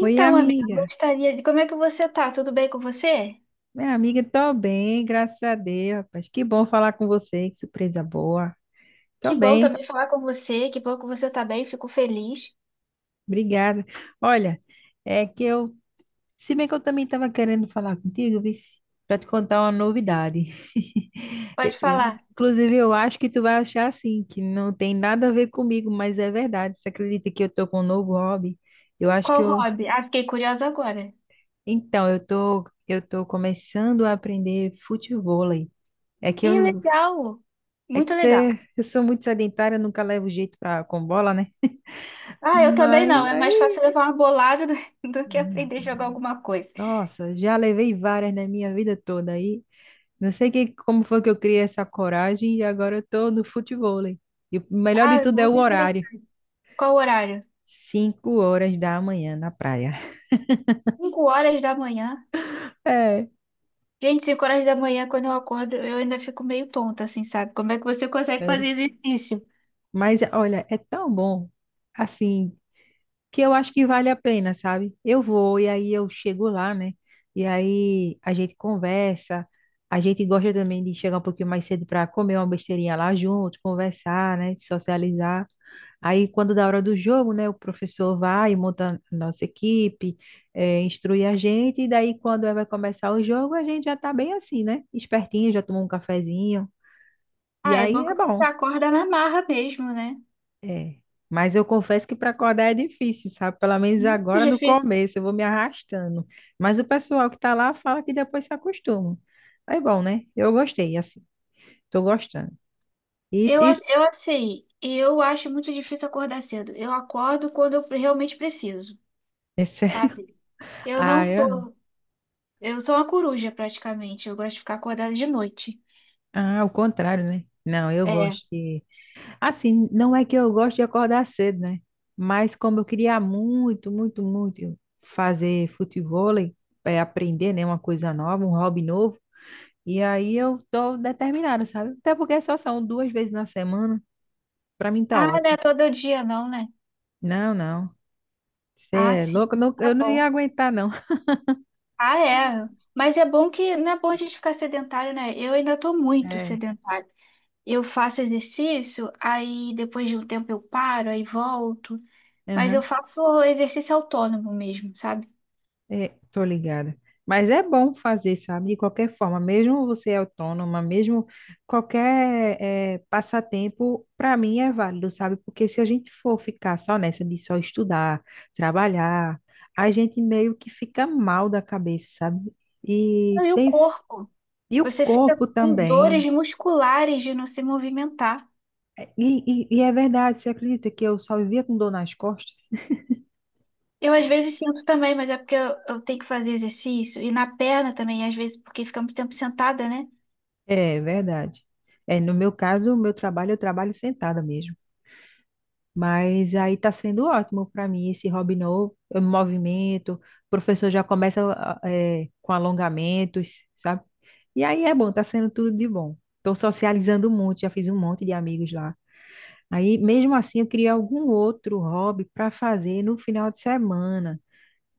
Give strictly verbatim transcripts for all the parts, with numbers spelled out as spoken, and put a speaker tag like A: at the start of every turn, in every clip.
A: Oi,
B: amiga, eu
A: amiga.
B: gostaria de... Como é que você tá? Tudo bem com você?
A: Minha amiga, tô bem, graças a Deus, rapaz. Que bom falar com você, que surpresa boa.
B: Que
A: Tô
B: bom
A: bem,
B: também falar com você, que bom que você tá bem, fico feliz.
A: obrigada. Olha, é que eu, se bem que eu também estava querendo falar contigo, para te contar uma novidade. Eu-
B: Pode
A: eu-
B: falar.
A: inclusive, eu acho que tu vai achar assim, que não tem nada a ver comigo, mas é verdade. Você acredita que eu tô com um novo hobby? Eu acho que
B: Qual
A: eu,
B: hobby? Ah, fiquei curiosa agora.
A: Então, eu tô, eu tô começando a aprender futevôlei. É que
B: Ih,
A: eu
B: legal!
A: É
B: Muito
A: que
B: legal.
A: você, eu sou muito sedentária, nunca levo jeito pra, com bola, né?
B: Ah, eu também
A: Mas
B: não, é mais
A: aí,
B: fácil levar uma bolada do, do que aprender a jogar alguma coisa.
A: nossa, já levei várias na minha vida toda aí. Não sei que, como foi que eu criei essa coragem e agora eu tô no futevôlei. E o melhor de
B: Ah,
A: tudo é o
B: muito
A: horário.
B: interessante. Qual o horário?
A: Cinco horas da manhã na praia.
B: Cinco horas da manhã.
A: É,
B: Gente, cinco horas da manhã, quando eu acordo, eu ainda fico meio tonta, assim, sabe? Como é que você consegue
A: sério.
B: fazer exercício?
A: Mas olha, é tão bom. Assim, que eu acho que vale a pena, sabe? Eu vou e aí eu chego lá, né? E aí a gente conversa, a gente gosta também de chegar um pouquinho mais cedo para comer uma besteirinha lá junto, conversar, né? Socializar. Aí, quando da hora do jogo, né, o professor vai e monta a nossa equipe, eh, instrui a gente, e daí, quando é, vai começar o jogo, a gente já tá bem assim, né? Espertinho, já tomou um cafezinho, e
B: Ah, é
A: aí
B: bom
A: é
B: que você
A: bom.
B: acorda na marra mesmo, né?
A: É. Mas eu confesso que para acordar é difícil, sabe? Pelo menos
B: Muito
A: agora no
B: difícil.
A: começo eu vou me arrastando. Mas o pessoal que está lá fala que depois se acostuma. É bom, né? Eu gostei, assim. Tô gostando. E,
B: Eu acho,
A: e
B: eu assim, eu acho muito difícil acordar cedo. Eu acordo quando eu realmente preciso,
A: esse-
B: sabe? Eu não
A: ah, eu não.
B: sou, eu sou uma coruja praticamente. Eu gosto de ficar acordada de noite.
A: Ah, o contrário, né? Não, eu
B: É.
A: gosto de. Assim, não é que eu gosto de acordar cedo, né? Mas como eu queria muito, muito, muito fazer futevôlei, é, aprender, né, uma coisa nova, um hobby novo. E aí eu tô determinada, sabe? Até porque só são duas vezes na semana, pra mim tá
B: Ah, não é
A: ótimo.
B: todo dia não, né?
A: Não, não. Você
B: Ah,
A: é
B: sim.
A: louco, eu não-
B: Tá
A: eu não ia
B: bom.
A: aguentar, não.
B: Ah, é. Mas é bom que não é bom a gente ficar sedentário, né? Eu ainda tô muito
A: É,
B: sedentário. Eu faço exercício, aí depois de um tempo eu paro, aí volto. Mas eu
A: aham,
B: faço exercício autônomo mesmo, sabe?
A: é, tô ligada. Mas é bom fazer, sabe? De qualquer forma, mesmo você autônoma, mesmo qualquer é, passatempo, para mim é válido, sabe? Porque se a gente for ficar só nessa de só estudar, trabalhar, a gente meio que fica mal da cabeça, sabe? E
B: E o
A: tem
B: corpo.
A: e o
B: Você fica
A: corpo
B: com dores
A: também.
B: musculares de não se movimentar.
A: E, e, e é verdade, você acredita que eu só vivia com dor nas costas?
B: Eu às vezes sinto também, mas é porque eu, eu tenho que fazer exercício. E na perna também, às vezes, porque fica muito tempo sentada, né?
A: É verdade. É, no meu caso, o meu trabalho, eu trabalho sentada mesmo. Mas aí tá sendo ótimo para mim esse hobby novo, eu me movimento, o professor já começa ah, ah, é, com alongamentos, sabe? E aí é bom, tá sendo tudo de bom. Estou socializando muito, já fiz um monte de amigos lá. Aí, mesmo assim, eu queria algum outro hobby para fazer no final de semana.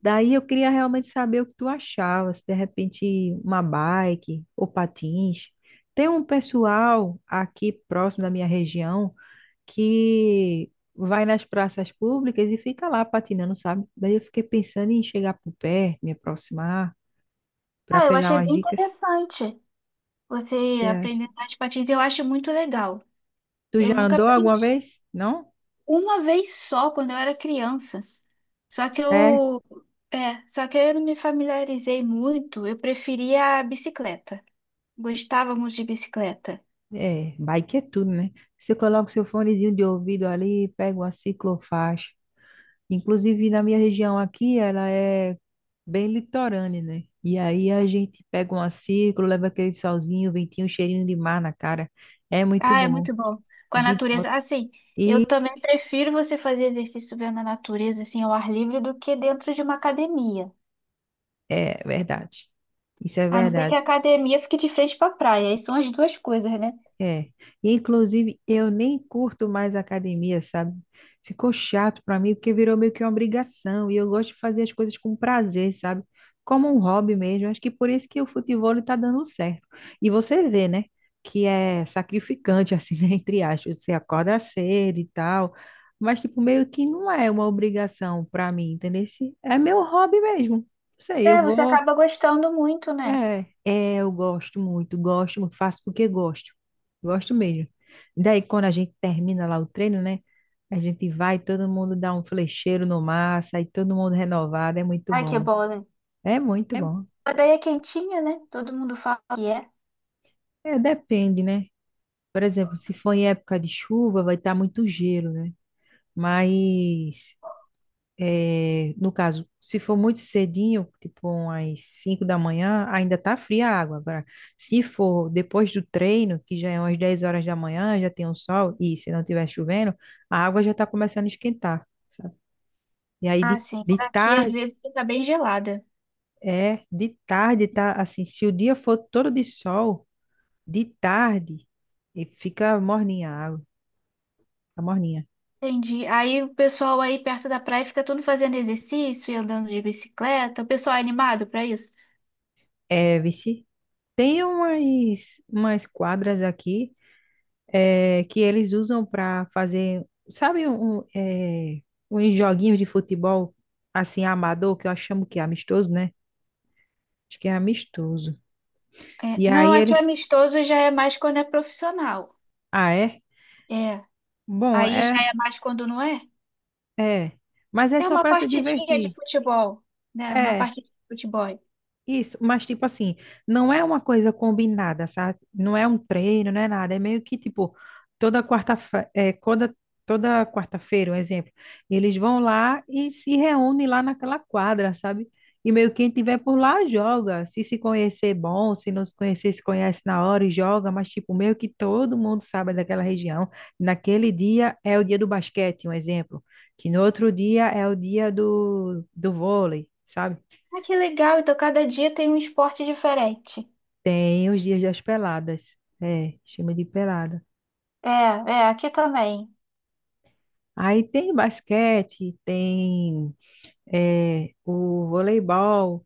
A: Daí eu queria realmente saber o que tu achava, se de repente uma bike ou patins. Tem um pessoal aqui próximo da minha região que vai nas praças públicas e fica lá patinando, sabe? Daí eu fiquei pensando em chegar por perto, me aproximar, para
B: Ah, eu
A: pegar
B: achei
A: umas
B: bem
A: dicas.
B: interessante você
A: Você acha?
B: aprender a andar de patins. Eu acho muito legal.
A: Tu já
B: Eu nunca
A: andou alguma
B: aprendi.
A: vez? Não?
B: Uma vez só, quando eu era criança. Só que
A: Sério?
B: eu... É, só que eu não me familiarizei muito. Eu preferia a bicicleta. Gostava muito de bicicleta.
A: É, bike é tudo, né? Você coloca o seu fonezinho de ouvido ali, pega uma ciclofaixa. Inclusive, na minha região aqui, ela é bem litorânea, né? E aí a gente pega uma círculo, leva aquele solzinho, ventinho, cheirinho de mar na cara. É muito
B: Ah, é
A: bom.
B: muito bom. Com a
A: Gente, ó,
B: natureza. Assim, eu também prefiro você fazer exercício vendo a natureza, assim, ao ar livre, do que dentro de uma academia.
A: é verdade. Isso é
B: A não ser que a
A: verdade.
B: academia fique de frente pra praia. Aí são as duas coisas, né?
A: É, e inclusive eu nem curto mais academia, sabe? Ficou chato pra mim porque virou meio que uma obrigação e eu gosto de fazer as coisas com prazer, sabe? Como um hobby mesmo. Acho que por isso que o futebol tá dando certo. E você vê, né? Que é sacrificante, assim, né? Entre aspas, você acorda cedo e tal, mas tipo meio que não é uma obrigação pra mim, entendeu? Se- É meu hobby mesmo. Não sei, eu
B: É, você
A: vou
B: acaba gostando muito, né?
A: é, é, eu gosto muito, gosto muito, faço porque gosto, gosto mesmo. Daí, quando a gente termina lá o treino, né? A gente vai, todo mundo dá um flecheiro no mar, sai todo mundo renovado, é muito
B: Ai, que
A: bom.
B: bom, né?
A: É muito
B: É-
A: bom.
B: A daí é quentinha, né? Todo mundo fala que é.
A: É, depende, né? Por exemplo, se for em época de chuva, vai estar muito gelo, né? Mas é, no caso, se for muito cedinho, tipo umas cinco da manhã, ainda tá fria a água. Agora, se for depois do treino, que já é umas dez horas da manhã, já tem um sol, e se não tiver chovendo, a água já tá começando a esquentar, sabe? E aí
B: Ah,
A: de,
B: sim.
A: de
B: Aqui, às
A: tarde,
B: vezes, fica bem gelada.
A: é, De tarde tá assim, se o dia for todo de sol, de tarde, e fica morninha a água, fica morninha.
B: Entendi. Aí o pessoal aí perto da praia fica todo fazendo exercício e andando de bicicleta. O pessoal é animado pra isso?
A: É, vici, Tem umas, umas quadras aqui é, que eles usam para fazer, sabe, um, é, uns joguinhos de futebol assim amador, que eu chamo que é amistoso, né? Acho que é amistoso.
B: É,
A: E
B: não,
A: aí
B: é que
A: eles,
B: amistoso já é mais quando é profissional.
A: ah, é?
B: É.
A: Bom,
B: Aí
A: é,
B: já é mais quando não é.
A: é. Mas é
B: É
A: só
B: uma
A: para se
B: partidinha de
A: divertir.
B: futebol, né? Uma
A: É.
B: partida de futebol.
A: Isso, mas tipo assim, não é uma coisa combinada, sabe? Não é um treino, não é nada. É meio que tipo, toda quarta-feira, toda, toda quarta-feira, um exemplo, eles vão lá e se reúnem lá naquela quadra, sabe? E meio que quem tiver por lá joga. Se se conhecer, bom. Se não se conhecer, se conhece na hora e joga. Mas, tipo, meio que todo mundo sabe daquela região. Naquele dia é o dia do basquete, um exemplo. Que no outro dia é o dia do, do vôlei, sabe?
B: Ah, que legal, então cada dia tem um esporte diferente.
A: Tem os dias das peladas. É, chama de pelada.
B: É, é, aqui também.
A: Aí tem basquete, tem é, o voleibol,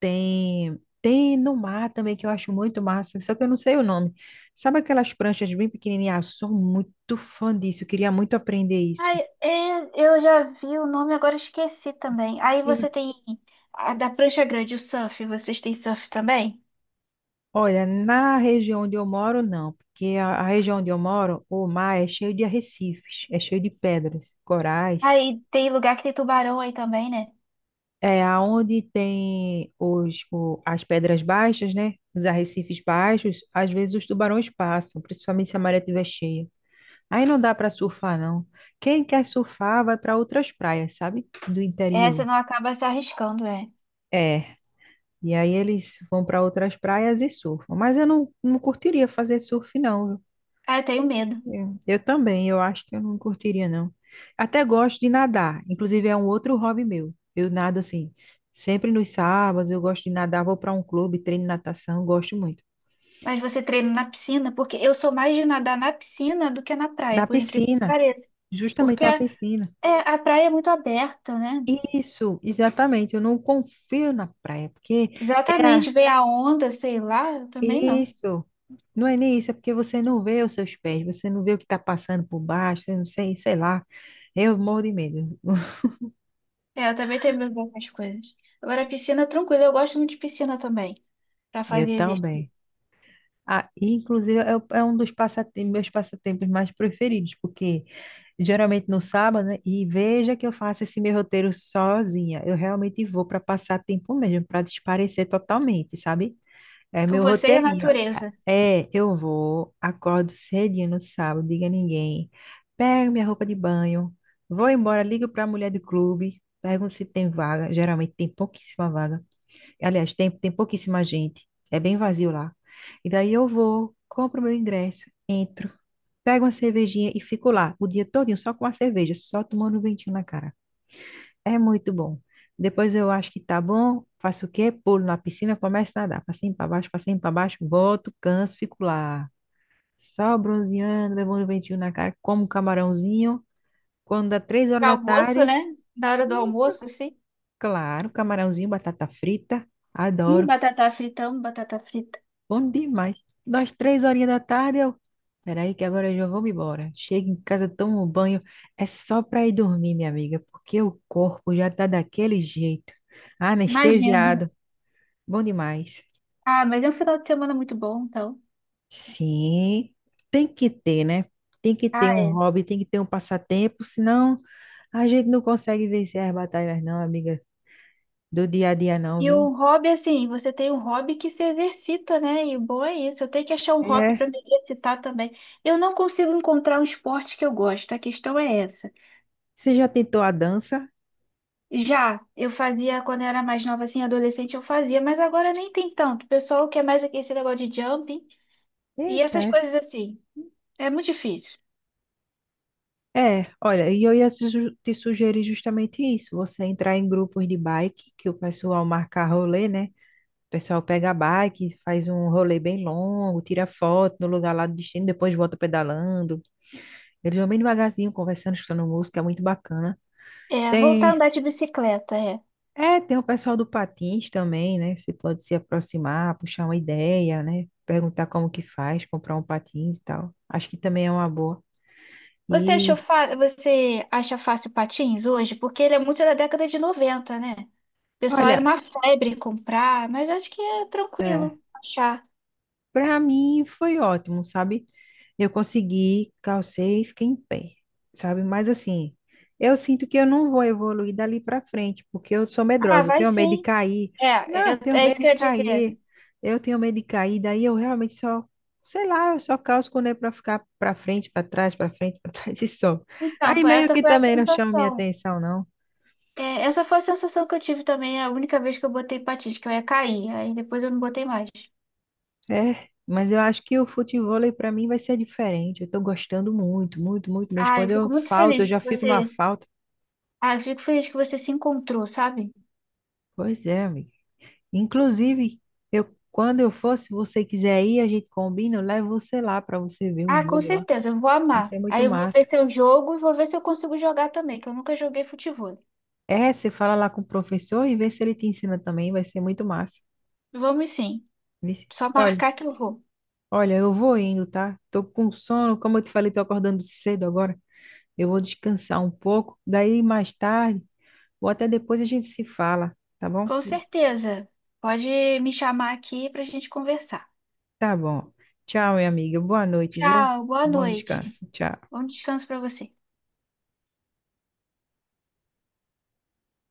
A: tem, tem no mar também, que eu acho muito massa, só que eu não sei o nome. Sabe aquelas pranchas bem pequenininhas? Eu sou muito fã disso, eu queria muito aprender isso.
B: Ai, é, eu já vi o nome, agora esqueci também. Aí
A: Eu-
B: você tem a da prancha grande, o surf, vocês têm surf também?
A: Olha, na região onde eu moro, não, porque a, a região onde eu moro, o mar é cheio de arrecifes, é cheio de pedras, corais.
B: Aí tem lugar que tem tubarão aí também, né?
A: É, aonde tem os, o- as pedras baixas, né? Os arrecifes baixos, às vezes os tubarões passam, principalmente se a maré estiver cheia. Aí não dá para surfar, não. Quem quer surfar vai para outras praias, sabe? Do
B: É,
A: interior.
B: você não acaba se arriscando, é.
A: É. E aí eles vão para outras praias e surfam. Mas eu não, não curtiria fazer surf, não.
B: Ah, eu tenho medo.
A: É. Eu também, eu acho que eu não curtiria, não. Até gosto de nadar, inclusive é um outro hobby meu. Eu nado assim, sempre nos sábados, eu gosto de nadar, vou para um clube, treino natação, gosto muito.
B: Mas você treina na piscina? Porque eu sou mais de nadar na piscina do que na praia,
A: Da
B: por incrível que
A: piscina,
B: pareça.
A: justamente
B: Porque
A: da
B: a,
A: piscina.
B: é, a praia é muito aberta, né?
A: Isso, exatamente, eu não confio na praia, porque é a...
B: Exatamente, vem a onda, sei lá, eu também não.
A: isso. Não é nem isso, é porque você não vê os seus pés, você não vê o que está passando por baixo, você não sei, sei lá. Eu morro de medo.
B: É, eu também tenho medo dessas coisas. Agora, a piscina, tranquilo, eu gosto muito de piscina também, pra
A: Eu
B: fazer exercício.
A: também. Ah, inclusive, é, o- é um dos passatem- meus passatempos mais preferidos, porque geralmente no sábado, né? E veja que eu faço esse meu roteiro sozinha. Eu realmente vou para passar tempo mesmo, para desaparecer totalmente, sabe? É
B: Com
A: meu
B: você e a
A: roteirinho.
B: natureza.
A: É, eu vou, acordo cedinho no sábado, diga a ninguém, pego minha roupa de banho, vou embora, ligo para a mulher do clube, pergunto se tem vaga. Geralmente tem pouquíssima vaga. Aliás, tem, tem pouquíssima gente. É bem vazio lá. E daí eu vou, compro meu ingresso, entro, pego uma cervejinha e fico lá o dia todinho só com a cerveja, só tomando um ventinho na cara. É muito bom. Depois eu acho que tá bom, faço o quê? Pulo na piscina, começo a nadar. Passinho para baixo, passinho para baixo, volto, canso, fico lá. Só bronzeando, levando um ventinho na cara, como um camarãozinho. Quando dá três horas
B: Pra
A: da
B: Almoço,
A: tarde,
B: né? Na hora do
A: isso,
B: almoço, assim.
A: claro, camarãozinho, batata frita.
B: Hum,
A: Adoro.
B: batata frita, amo batata frita.
A: Bom demais. Nós, três horinhas da tarde, eu. Peraí, que agora eu já vou me embora. Chego em casa, tomo um banho. É só para ir dormir, minha amiga, porque o corpo já tá daquele jeito.
B: Imagina.
A: Anestesiado. Bom demais.
B: Ah, mas é um final de semana muito bom, então.
A: Sim, tem que ter, né? Tem que ter
B: Ah,
A: um
B: é.
A: hobby, tem que ter um passatempo, senão a gente não consegue vencer as batalhas, não, amiga, do dia a dia, não,
B: E
A: viu?
B: o hobby, assim, você tem um hobby que se exercita, né? E o bom é isso. Eu tenho que achar um hobby
A: É.
B: para me exercitar também. Eu não consigo encontrar um esporte que eu gosto, a questão é essa.
A: Você já tentou a dança?
B: Já eu fazia quando eu era mais nova, assim, adolescente, eu fazia, mas agora nem tem tanto. O pessoal quer mais aqui esse negócio de jumping e
A: Eita.
B: essas coisas assim. É muito difícil.
A: É, olha, e eu ia te su- te sugerir justamente isso, você entrar em grupos de bike, que o pessoal marca rolê, né? O pessoal pega a bike, faz um rolê bem longo, tira foto no lugar lá do destino, depois volta pedalando. Eles vão bem devagarzinho, conversando, escutando música, é muito bacana.
B: É, voltar a
A: Tem,
B: andar de bicicleta,
A: é, tem o pessoal do patins também, né? Você pode se aproximar, puxar uma ideia, né? Perguntar como que faz, comprar um patins e tal. Acho que também é uma boa.
B: Você achou
A: E,
B: fa... você acha fácil patins hoje? Porque ele é muito da década de noventa, né? O pessoal era
A: olha,
B: uma febre comprar, mas acho que é
A: é.
B: tranquilo achar.
A: Para mim foi ótimo, sabe? Eu consegui, calcei e fiquei em pé, sabe? Mas assim, eu sinto que eu não vou evoluir dali para frente, porque eu sou
B: Ah,
A: medrosa, eu
B: vai
A: tenho medo de
B: sim.
A: cair. Não,
B: É,
A: eu
B: eu-
A: tenho
B: é isso
A: medo
B: que
A: de
B: eu ia
A: cair.
B: dizer.
A: Eu tenho medo de cair, daí eu realmente só, sei lá, eu só calço quando é para ficar para frente, para trás, para frente, para trás e só.
B: Então,
A: Aí
B: foi,
A: meio
B: essa
A: que
B: foi a
A: também não chama minha
B: sensação.
A: atenção, não.
B: É, essa foi a sensação que eu tive também, é a única vez que eu botei patins, que eu ia cair. Aí depois eu não botei mais.
A: É, mas eu acho que o futebol para mim vai ser diferente. Eu tô gostando muito, muito, muito mesmo.
B: Ah, eu
A: Quando eu
B: fico muito
A: falto, eu
B: feliz
A: já
B: que
A: fico numa
B: você.
A: falta.
B: Ah, eu fico feliz que você se encontrou, sabe?
A: Pois é, amigo. Inclusive, eu quando eu for, se você quiser ir, a gente combina, eu levo você lá para você ver um
B: Ah, com
A: jogo lá.
B: certeza, eu vou
A: Vai
B: amar.
A: ser muito
B: Aí eu vou
A: massa.
B: ver se eu jogo e vou ver se eu consigo jogar também, que eu nunca joguei futebol.
A: É, você fala lá com o professor e vê se ele te ensina também, vai ser muito massa.
B: Vamos sim,
A: Vixe.
B: só
A: Olha,
B: marcar que eu vou.
A: olha, eu vou indo, tá? Tô com sono, como eu te falei, tô acordando cedo agora. Eu vou descansar um pouco. Daí mais tarde Ou até depois a gente se fala, tá bom?
B: Com certeza. Pode me chamar aqui pra gente conversar.
A: Tá bom. Tchau, minha amiga. Boa noite, viu?
B: Tchau, boa
A: Bom
B: noite.
A: descanso. Tchau.
B: Bom descanso pra você.